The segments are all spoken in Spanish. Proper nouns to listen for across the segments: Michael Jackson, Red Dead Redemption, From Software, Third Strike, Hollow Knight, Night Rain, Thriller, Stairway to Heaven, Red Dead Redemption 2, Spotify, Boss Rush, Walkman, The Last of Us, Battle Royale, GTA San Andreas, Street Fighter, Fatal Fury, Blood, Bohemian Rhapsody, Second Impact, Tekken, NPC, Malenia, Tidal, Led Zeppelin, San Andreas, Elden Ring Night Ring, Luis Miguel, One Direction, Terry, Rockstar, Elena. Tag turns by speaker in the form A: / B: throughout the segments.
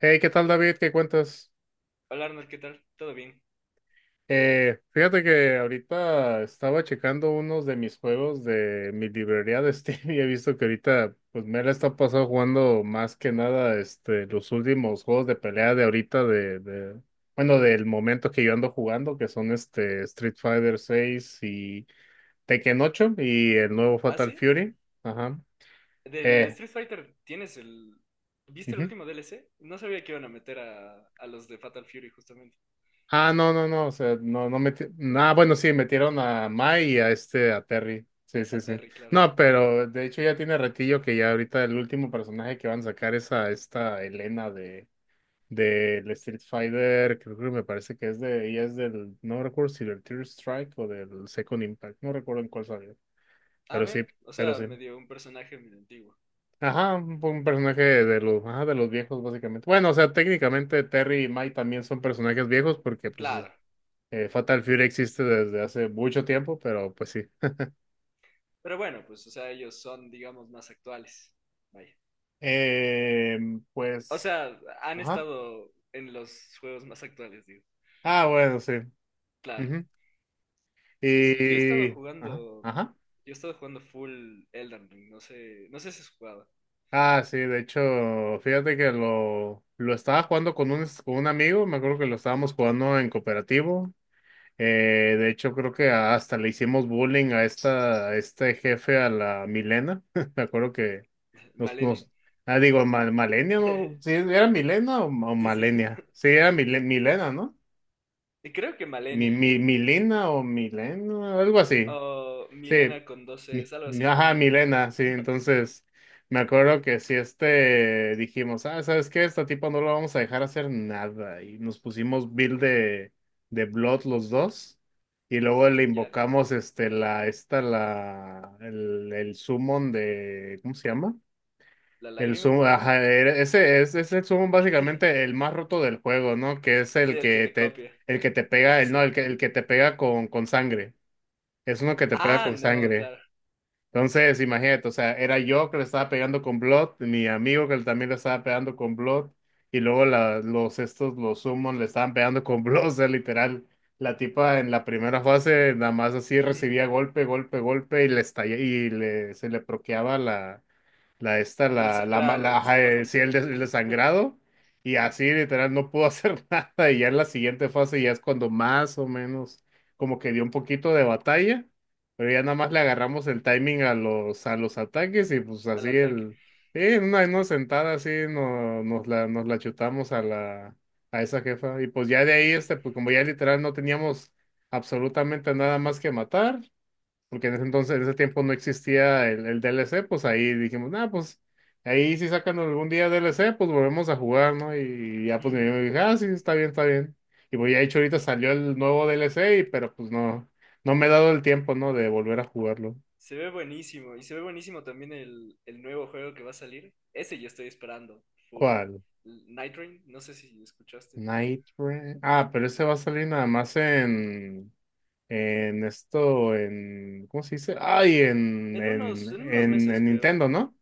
A: Hey, ¿qué tal, David? ¿Qué cuentas?
B: Hola Arnold, ¿qué tal? ¿Todo bien?
A: Fíjate que ahorita estaba checando unos de mis juegos de mi librería de Steam y he visto que ahorita, pues me la está pasando jugando más que nada este, los últimos juegos de pelea de ahorita, bueno, del momento que yo ando jugando, que son este Street Fighter seis y Tekken ocho y el nuevo
B: ¿Ah,
A: Fatal
B: sí?
A: Fury. Ajá.
B: Del
A: Eh,
B: Street Fighter, ¿tienes el... ¿Viste el
A: ujú.
B: último DLC? No sabía que iban a meter a los de Fatal Fury justamente.
A: Ah, no, no, no, o sea, no, no metieron, ah, bueno, sí, metieron a Mai y a este, a Terry, sí,
B: A
A: sí, sí,
B: Terry, claro.
A: no, pero de hecho ya tiene ratillo que ya ahorita el último personaje que van a sacar es a esta Elena de, del Street Fighter, creo que me parece que es de, ella es del, no recuerdo si del Third Strike o del Second Impact, no recuerdo en cuál salió,
B: Ah,
A: pero sí,
B: ve, o
A: pero
B: sea,
A: sí,
B: medio un personaje medio antiguo.
A: ajá, un personaje de los, ajá, de los viejos básicamente, bueno, o sea, técnicamente Terry y Mai también son personajes viejos porque pues
B: Claro.
A: Fatal Fury existe desde hace mucho tiempo, pero pues sí.
B: Pero bueno, pues, o sea, ellos son, digamos, más actuales. Vaya.
A: Eh,
B: O
A: pues,
B: sea, han
A: ajá.
B: estado en los juegos más actuales, digo.
A: Ah, bueno, sí.
B: Claro.
A: Ujú.
B: Sí, sí, yo he estado
A: Y, ajá,
B: jugando...
A: ajá.
B: Yo he estado jugando full Elden Ring, no sé si has jugado.
A: Ah, sí, de hecho, fíjate que lo estaba jugando con un amigo, me acuerdo que lo estábamos jugando en cooperativo. De hecho, creo que hasta le hicimos bullying a esta, a este jefe, a la Milena. Me acuerdo que Nos,
B: Malenia.
A: nos- ah, digo, mal, Malenia, ¿no? Sí, ¿era Milena o
B: Sí, sí.
A: Malenia? Sí, era Milena, ¿no?
B: Y creo que Malenia
A: Milina o Milena, algo así.
B: o
A: Sí,
B: Milena con 12 es algo así,
A: ajá,
B: no recuerdo.
A: Milena, sí. Entonces, me acuerdo que si este dijimos, ah, ¿sabes qué? Esta tipo no lo vamos a dejar hacer nada. Y nos pusimos build de Blood los dos. Y luego le
B: ¿Ya?
A: invocamos este, la, esta, la, el summon de, ¿cómo se llama?
B: ¿La
A: El
B: lágrima
A: Summon,
B: capaz?
A: ajá, ese es el Summon básicamente el más roto del juego, ¿no? Que es
B: Sí, el que te copia.
A: el que te pega,
B: Sí,
A: el no,
B: sí.
A: el que te pega con sangre. Es uno que te pega
B: Ah,
A: con
B: no,
A: sangre.
B: claro.
A: Entonces, imagínate, o sea, era yo que le estaba pegando con Blood, mi amigo que también le estaba pegando con Blood, y luego los Summon le estaban pegando con Blood, o sea, literal. La tipa en la primera fase nada más así
B: Ujú.
A: recibía golpe, golpe, golpe, y le estalla, y le, se le proqueaba la la esta,
B: El
A: la, ma- la,
B: sagrado, se
A: ajá,
B: le baja un
A: sí,
B: montón de
A: el
B: vida
A: desangrado, y así literal no pudo hacer nada, y ya en la siguiente fase ya es cuando más o menos como que dio un poquito de batalla, pero ya nada más le agarramos el timing a los ataques, y pues
B: al
A: así
B: ataque.
A: el, sí, en una sentada así no, nos la chutamos a la, a esa jefa, y pues ya de ahí,
B: Ujú.
A: este, pues como ya literal no teníamos absolutamente nada más que matar, porque en ese entonces, en ese tiempo no existía el D L C pues ahí dijimos, nah, pues ahí si sacan algún día D L C pues volvemos a jugar, ¿no? Y, ya pues mi
B: Ujú.
A: amigo dijo, ah, sí, está bien, está bien. Y pues ya de hecho ahorita salió el nuevo D DLC, pero pues no, no me he dado el tiempo, ¿no? De volver a jugarlo.
B: Se ve buenísimo. Y se ve buenísimo también el nuevo juego que va a salir. Ese yo estoy esperando. Full.
A: ¿Cuál?
B: Night Rain, no sé si escuchaste.
A: Night Rain. Ah, pero ese va a salir nada más en esto, en, ¿cómo se dice? Ay,
B: En unos meses,
A: en
B: creo,
A: Nintendo,
B: ¿no?
A: ¿no?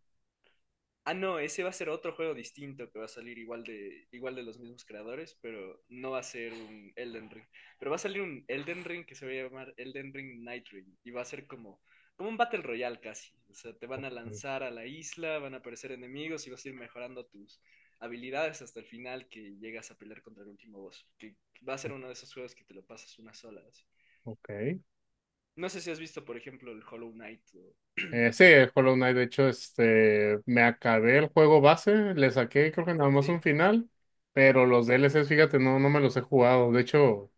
B: Ah, no, ese va a ser otro juego distinto que va a salir igual de los mismos creadores, pero no va a ser un Elden Ring. Pero va a salir un Elden Ring que se va a llamar Elden Ring Night Ring y va a ser como un Battle Royale casi. O sea, te van a lanzar a la isla, van a aparecer enemigos y vas a ir mejorando tus habilidades hasta el final que llegas a pelear contra el último boss. Que va a ser uno de esos juegos que te lo pasas una sola así.
A: Ok.
B: No sé si has visto, por ejemplo, el Hollow Knight,
A: Sí, el Hollow Knight, de hecho, este, me acabé el juego base, le saqué creo que nada más un
B: ¿Sí?
A: final, pero los DLCs, fíjate, no, no me los he jugado. De hecho,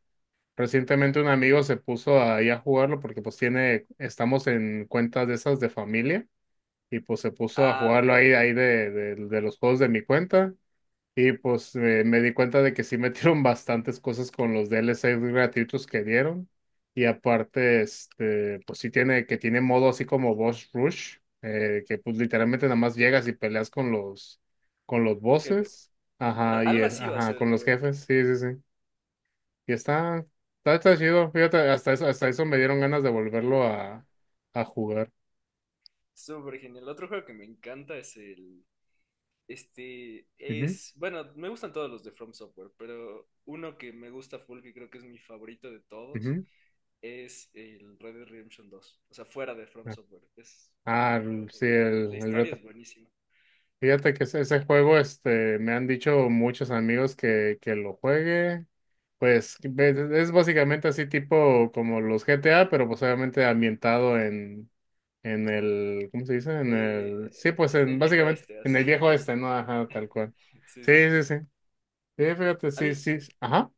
A: recientemente un amigo se puso ahí a jugarlo porque pues tiene, estamos en cuentas de esas de familia y pues se puso a
B: Ah,
A: jugarlo
B: ve,
A: ahí, de los juegos de mi cuenta y pues me di cuenta de que sí metieron bastantes cosas con los DLCs gratuitos que dieron. Y aparte, este, que tiene modo así como Boss Rush, que pues literalmente nada más llegas y peleas con los
B: jefes.
A: bosses.
B: Claro,
A: Ajá, y
B: algo así va a
A: ajá,
B: ser el
A: con los
B: nuevo.
A: jefes, sí, sí, sí. Y está, está chido, fíjate, hasta eso me dieron ganas de volverlo a jugar.
B: Súper genial. Otro juego que me encanta es el... Este
A: Ujú,
B: es... Bueno, me gustan todos los de From Software, pero uno que me gusta full, que creo que es mi favorito de todos,
A: ujú.
B: es el Red Dead Redemption 2. O sea, fuera de From Software. Es mi juego
A: Sí,
B: favorito. La
A: el
B: historia es
A: reto.
B: buenísima.
A: Fíjate que ese juego, este, me han dicho muchos amigos que lo juegue. Pues es básicamente así tipo como los GTA, pero pues obviamente ambientado en el, ¿cómo se dice? En el, sí, pues
B: En
A: en,
B: el viejo
A: básicamente
B: este,
A: en
B: así.
A: el viejo este, ¿no? Ajá, tal cual.
B: Sí,
A: Sí,
B: sí.
A: sí, sí. Sí, fíjate,
B: A
A: sí,
B: mí,
A: sí. sí. Ajá.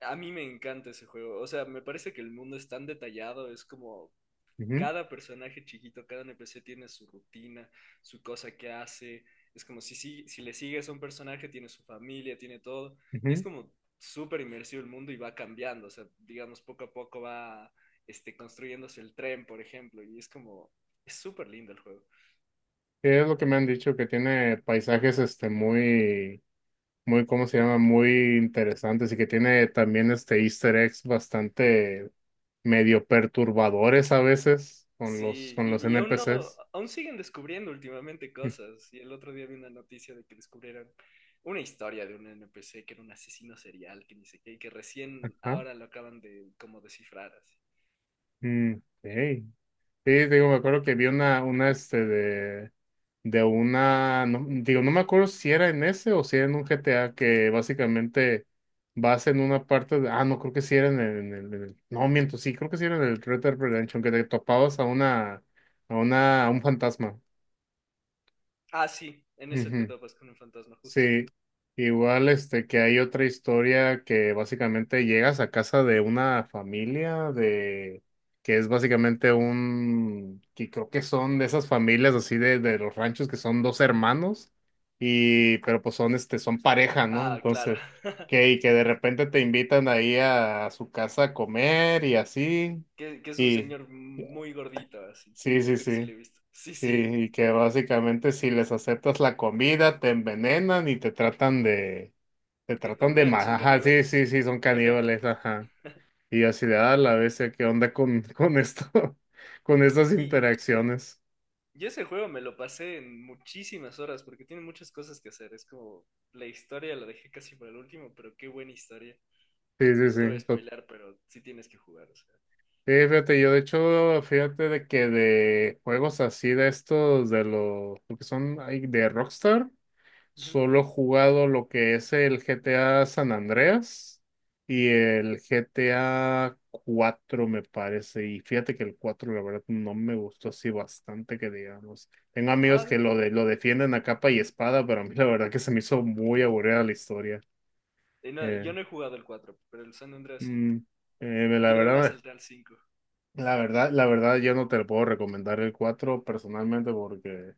B: a mí me encanta ese juego. O sea, me parece que el mundo es tan detallado, es como
A: Ujú,
B: cada personaje chiquito, cada NPC tiene su rutina, su cosa que hace. Es como si le sigues a un personaje, tiene su familia, tiene todo. Y es
A: ujú.
B: como súper inmersivo el mundo y va cambiando. O sea, digamos, poco a poco va construyéndose el tren, por ejemplo. Y es como, es súper lindo el juego.
A: Sí, es lo que me han dicho, que tiene paisajes, este, muy, muy, ¿cómo se llama? Muy interesantes y que tiene también, este, Easter eggs bastante medio perturbadores a veces
B: Sí,
A: con los
B: y aún no,
A: NPCs.
B: aún siguen descubriendo últimamente cosas. Y el otro día vi una noticia de que descubrieron una historia de un NPC que era un asesino serial, que ni sé qué, y que recién
A: Ajá.
B: ahora lo acaban de como descifrar así.
A: Mm, ok. Sí, digo, me acuerdo que vi una este de una, no- digo, no me acuerdo si era en ese o si era en un GTA que básicamente vas en una parte de, ah, no, creo que sí era en el, no, miento, sí, creo que sí era en el Red Dead Redemption, que te topabas a una, a un fantasma.
B: Ah, sí, en ese te
A: Ujú.
B: topas con un fantasma justo.
A: Sí, igual este que hay otra historia que básicamente llegas a casa de una familia de que es básicamente un que creo que son de esas familias así de los ranchos que son dos hermanos y pero pues son este son pareja, ¿no?
B: Ah, claro.
A: Entonces, que y que de repente te invitan ahí a, su casa a comer y así
B: Que es un
A: y
B: señor muy gordito, así.
A: sí, sí,
B: Creo que sí
A: sí.
B: lo he visto. Sí,
A: Sí,
B: sí.
A: y que básicamente si les aceptas la comida, te envenenan y te
B: De
A: tratan de
B: comer,
A: más.
B: son
A: Ajá, sí,
B: caníbales.
A: sí, sí, son
B: Ajá.
A: caníbales, ajá. Y yo así de, a la bestia, ¿qué onda con esto? Con estas
B: Y, y
A: interacciones.
B: Yo ese juego me lo pasé en muchísimas horas porque tiene muchas cosas que hacer. Es como la historia la dejé casi para el último, pero qué buena historia.
A: Sí, sí,
B: No te voy a
A: sí.
B: spoilar, pero sí tienes que jugar. O sea.
A: Sí, fíjate, yo de hecho, fíjate de que de juegos así de estos, lo que son ahí de Rockstar.
B: Ujú.
A: Solo he jugado lo que es el GTA San Andreas y el GTA 4 me parece. Y fíjate que el 4 la verdad, no me gustó así bastante que digamos. Tengo
B: Ah,
A: amigos que
B: bien.
A: lo, de, lo defienden a capa y espada, pero a mí la verdad que se me hizo muy aburrida la historia.
B: Y no, yo
A: Eh,
B: no he jugado el 4 pero el San Andreas sí.
A: mm, la
B: Yo de una
A: verdad.
B: salté al 5.
A: La verdad, yo no te lo puedo recomendar el 4 personalmente porque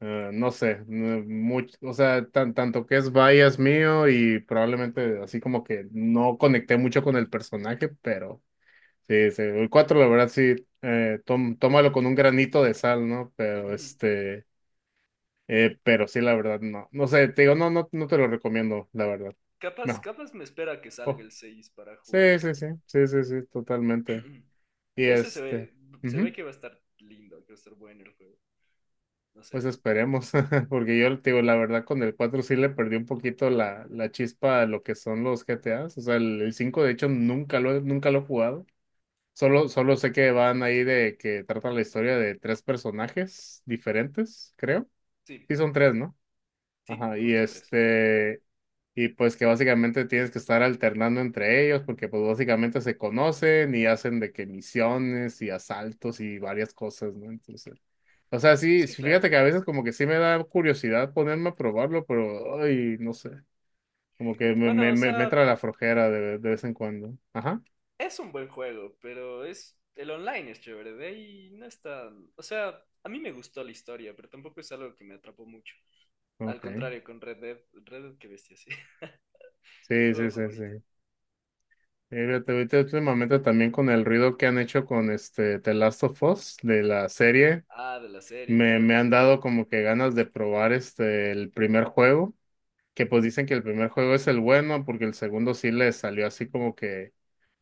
A: no sé, o sea, tanto que es bias mío y probablemente así como que no conecté mucho con el personaje, pero sí, sí, el 4 la verdad sí, tómalo con un granito de sal, ¿no? Pero este, pero sí, la verdad, no, no sé, te digo, no, no, no te lo recomiendo, la verdad.
B: Capaz,
A: No.
B: capaz me espera que salga
A: Oh,
B: el 6 para
A: sí,
B: jugarlo.
A: sí, sí, sí, sí, sí, totalmente. Y
B: Ese
A: este.
B: se ve
A: Ujú.
B: que va a estar lindo, que va a estar bueno el juego. No sé.
A: Pues esperemos, porque yo te digo, la verdad con el 4 sí le perdí un poquito la, la chispa a lo que son los GTAs. O sea, el 5 de hecho nunca nunca lo he jugado. Solo sé que van ahí de que trata la historia de tres personajes diferentes, creo.
B: Sí,
A: Sí son tres, ¿no?
B: sí,
A: Ajá, y
B: justo tres.
A: este, y pues que básicamente tienes que estar alternando entre ellos, porque pues básicamente se conocen y hacen de que misiones y asaltos y varias cosas, ¿no? Entonces... O sea, sí,
B: Sí,
A: sí, fíjate
B: claro.
A: que a veces como que sí me da curiosidad ponerme a probarlo, pero, ay, no sé, como que
B: Bueno, o
A: me
B: sea,
A: entra la flojera de vez en cuando. Ajá,
B: es un buen juego, pero es el online es chévere, de ahí no está, o sea, a mí me gustó la historia, pero tampoco es algo que me atrapó mucho. Al
A: ok.
B: contrario, con Red Dead, Red Dead, qué bestia, sí. Es mi
A: Sí, sí,
B: juego
A: sí,
B: favorito.
A: sí. Fíjate, ahorita últimamente también con el ruido que han hecho con este The Last of Us de la serie,
B: Ah, de la serie, claro.
A: me han dado como que ganas de probar este el primer juego, que pues dicen que el primer juego es el bueno, porque el segundo sí le salió así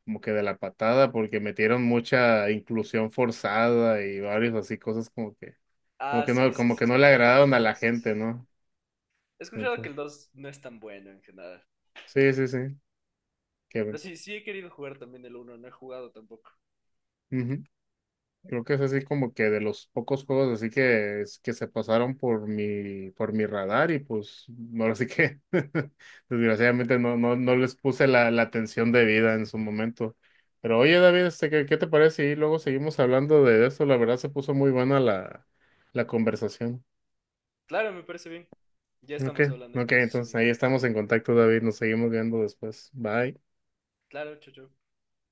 A: como que de la patada, porque metieron mucha inclusión forzada y varios así cosas
B: Ah, sí, sí,
A: como
B: sí he
A: que no le
B: escuchado que
A: agradaron
B: el
A: a la
B: 2
A: gente,
B: es...
A: ¿no?
B: He escuchado que
A: Entonces,
B: el 2 no es tan bueno en general.
A: sí, sí, sí, que,
B: Pero sí, sí he querido jugar también el uno no he jugado tampoco.
A: ujú. Creo que es así como que de los pocos juegos así que, que se pasaron por mi radar y pues no, así que desgraciadamente no, no, no les puse la, la atención debida en su momento. Pero oye, David, este, ¿qué, qué te parece? Y luego seguimos hablando de eso. La verdad se puso muy buena la, la conversación.
B: Claro, me parece bien. Ya
A: Ok,
B: estamos hablando
A: ok,
B: entonces,
A: entonces
B: amigo.
A: ahí estamos en contacto, David. Nos seguimos viendo después. Bye.
B: Claro, chao, chao.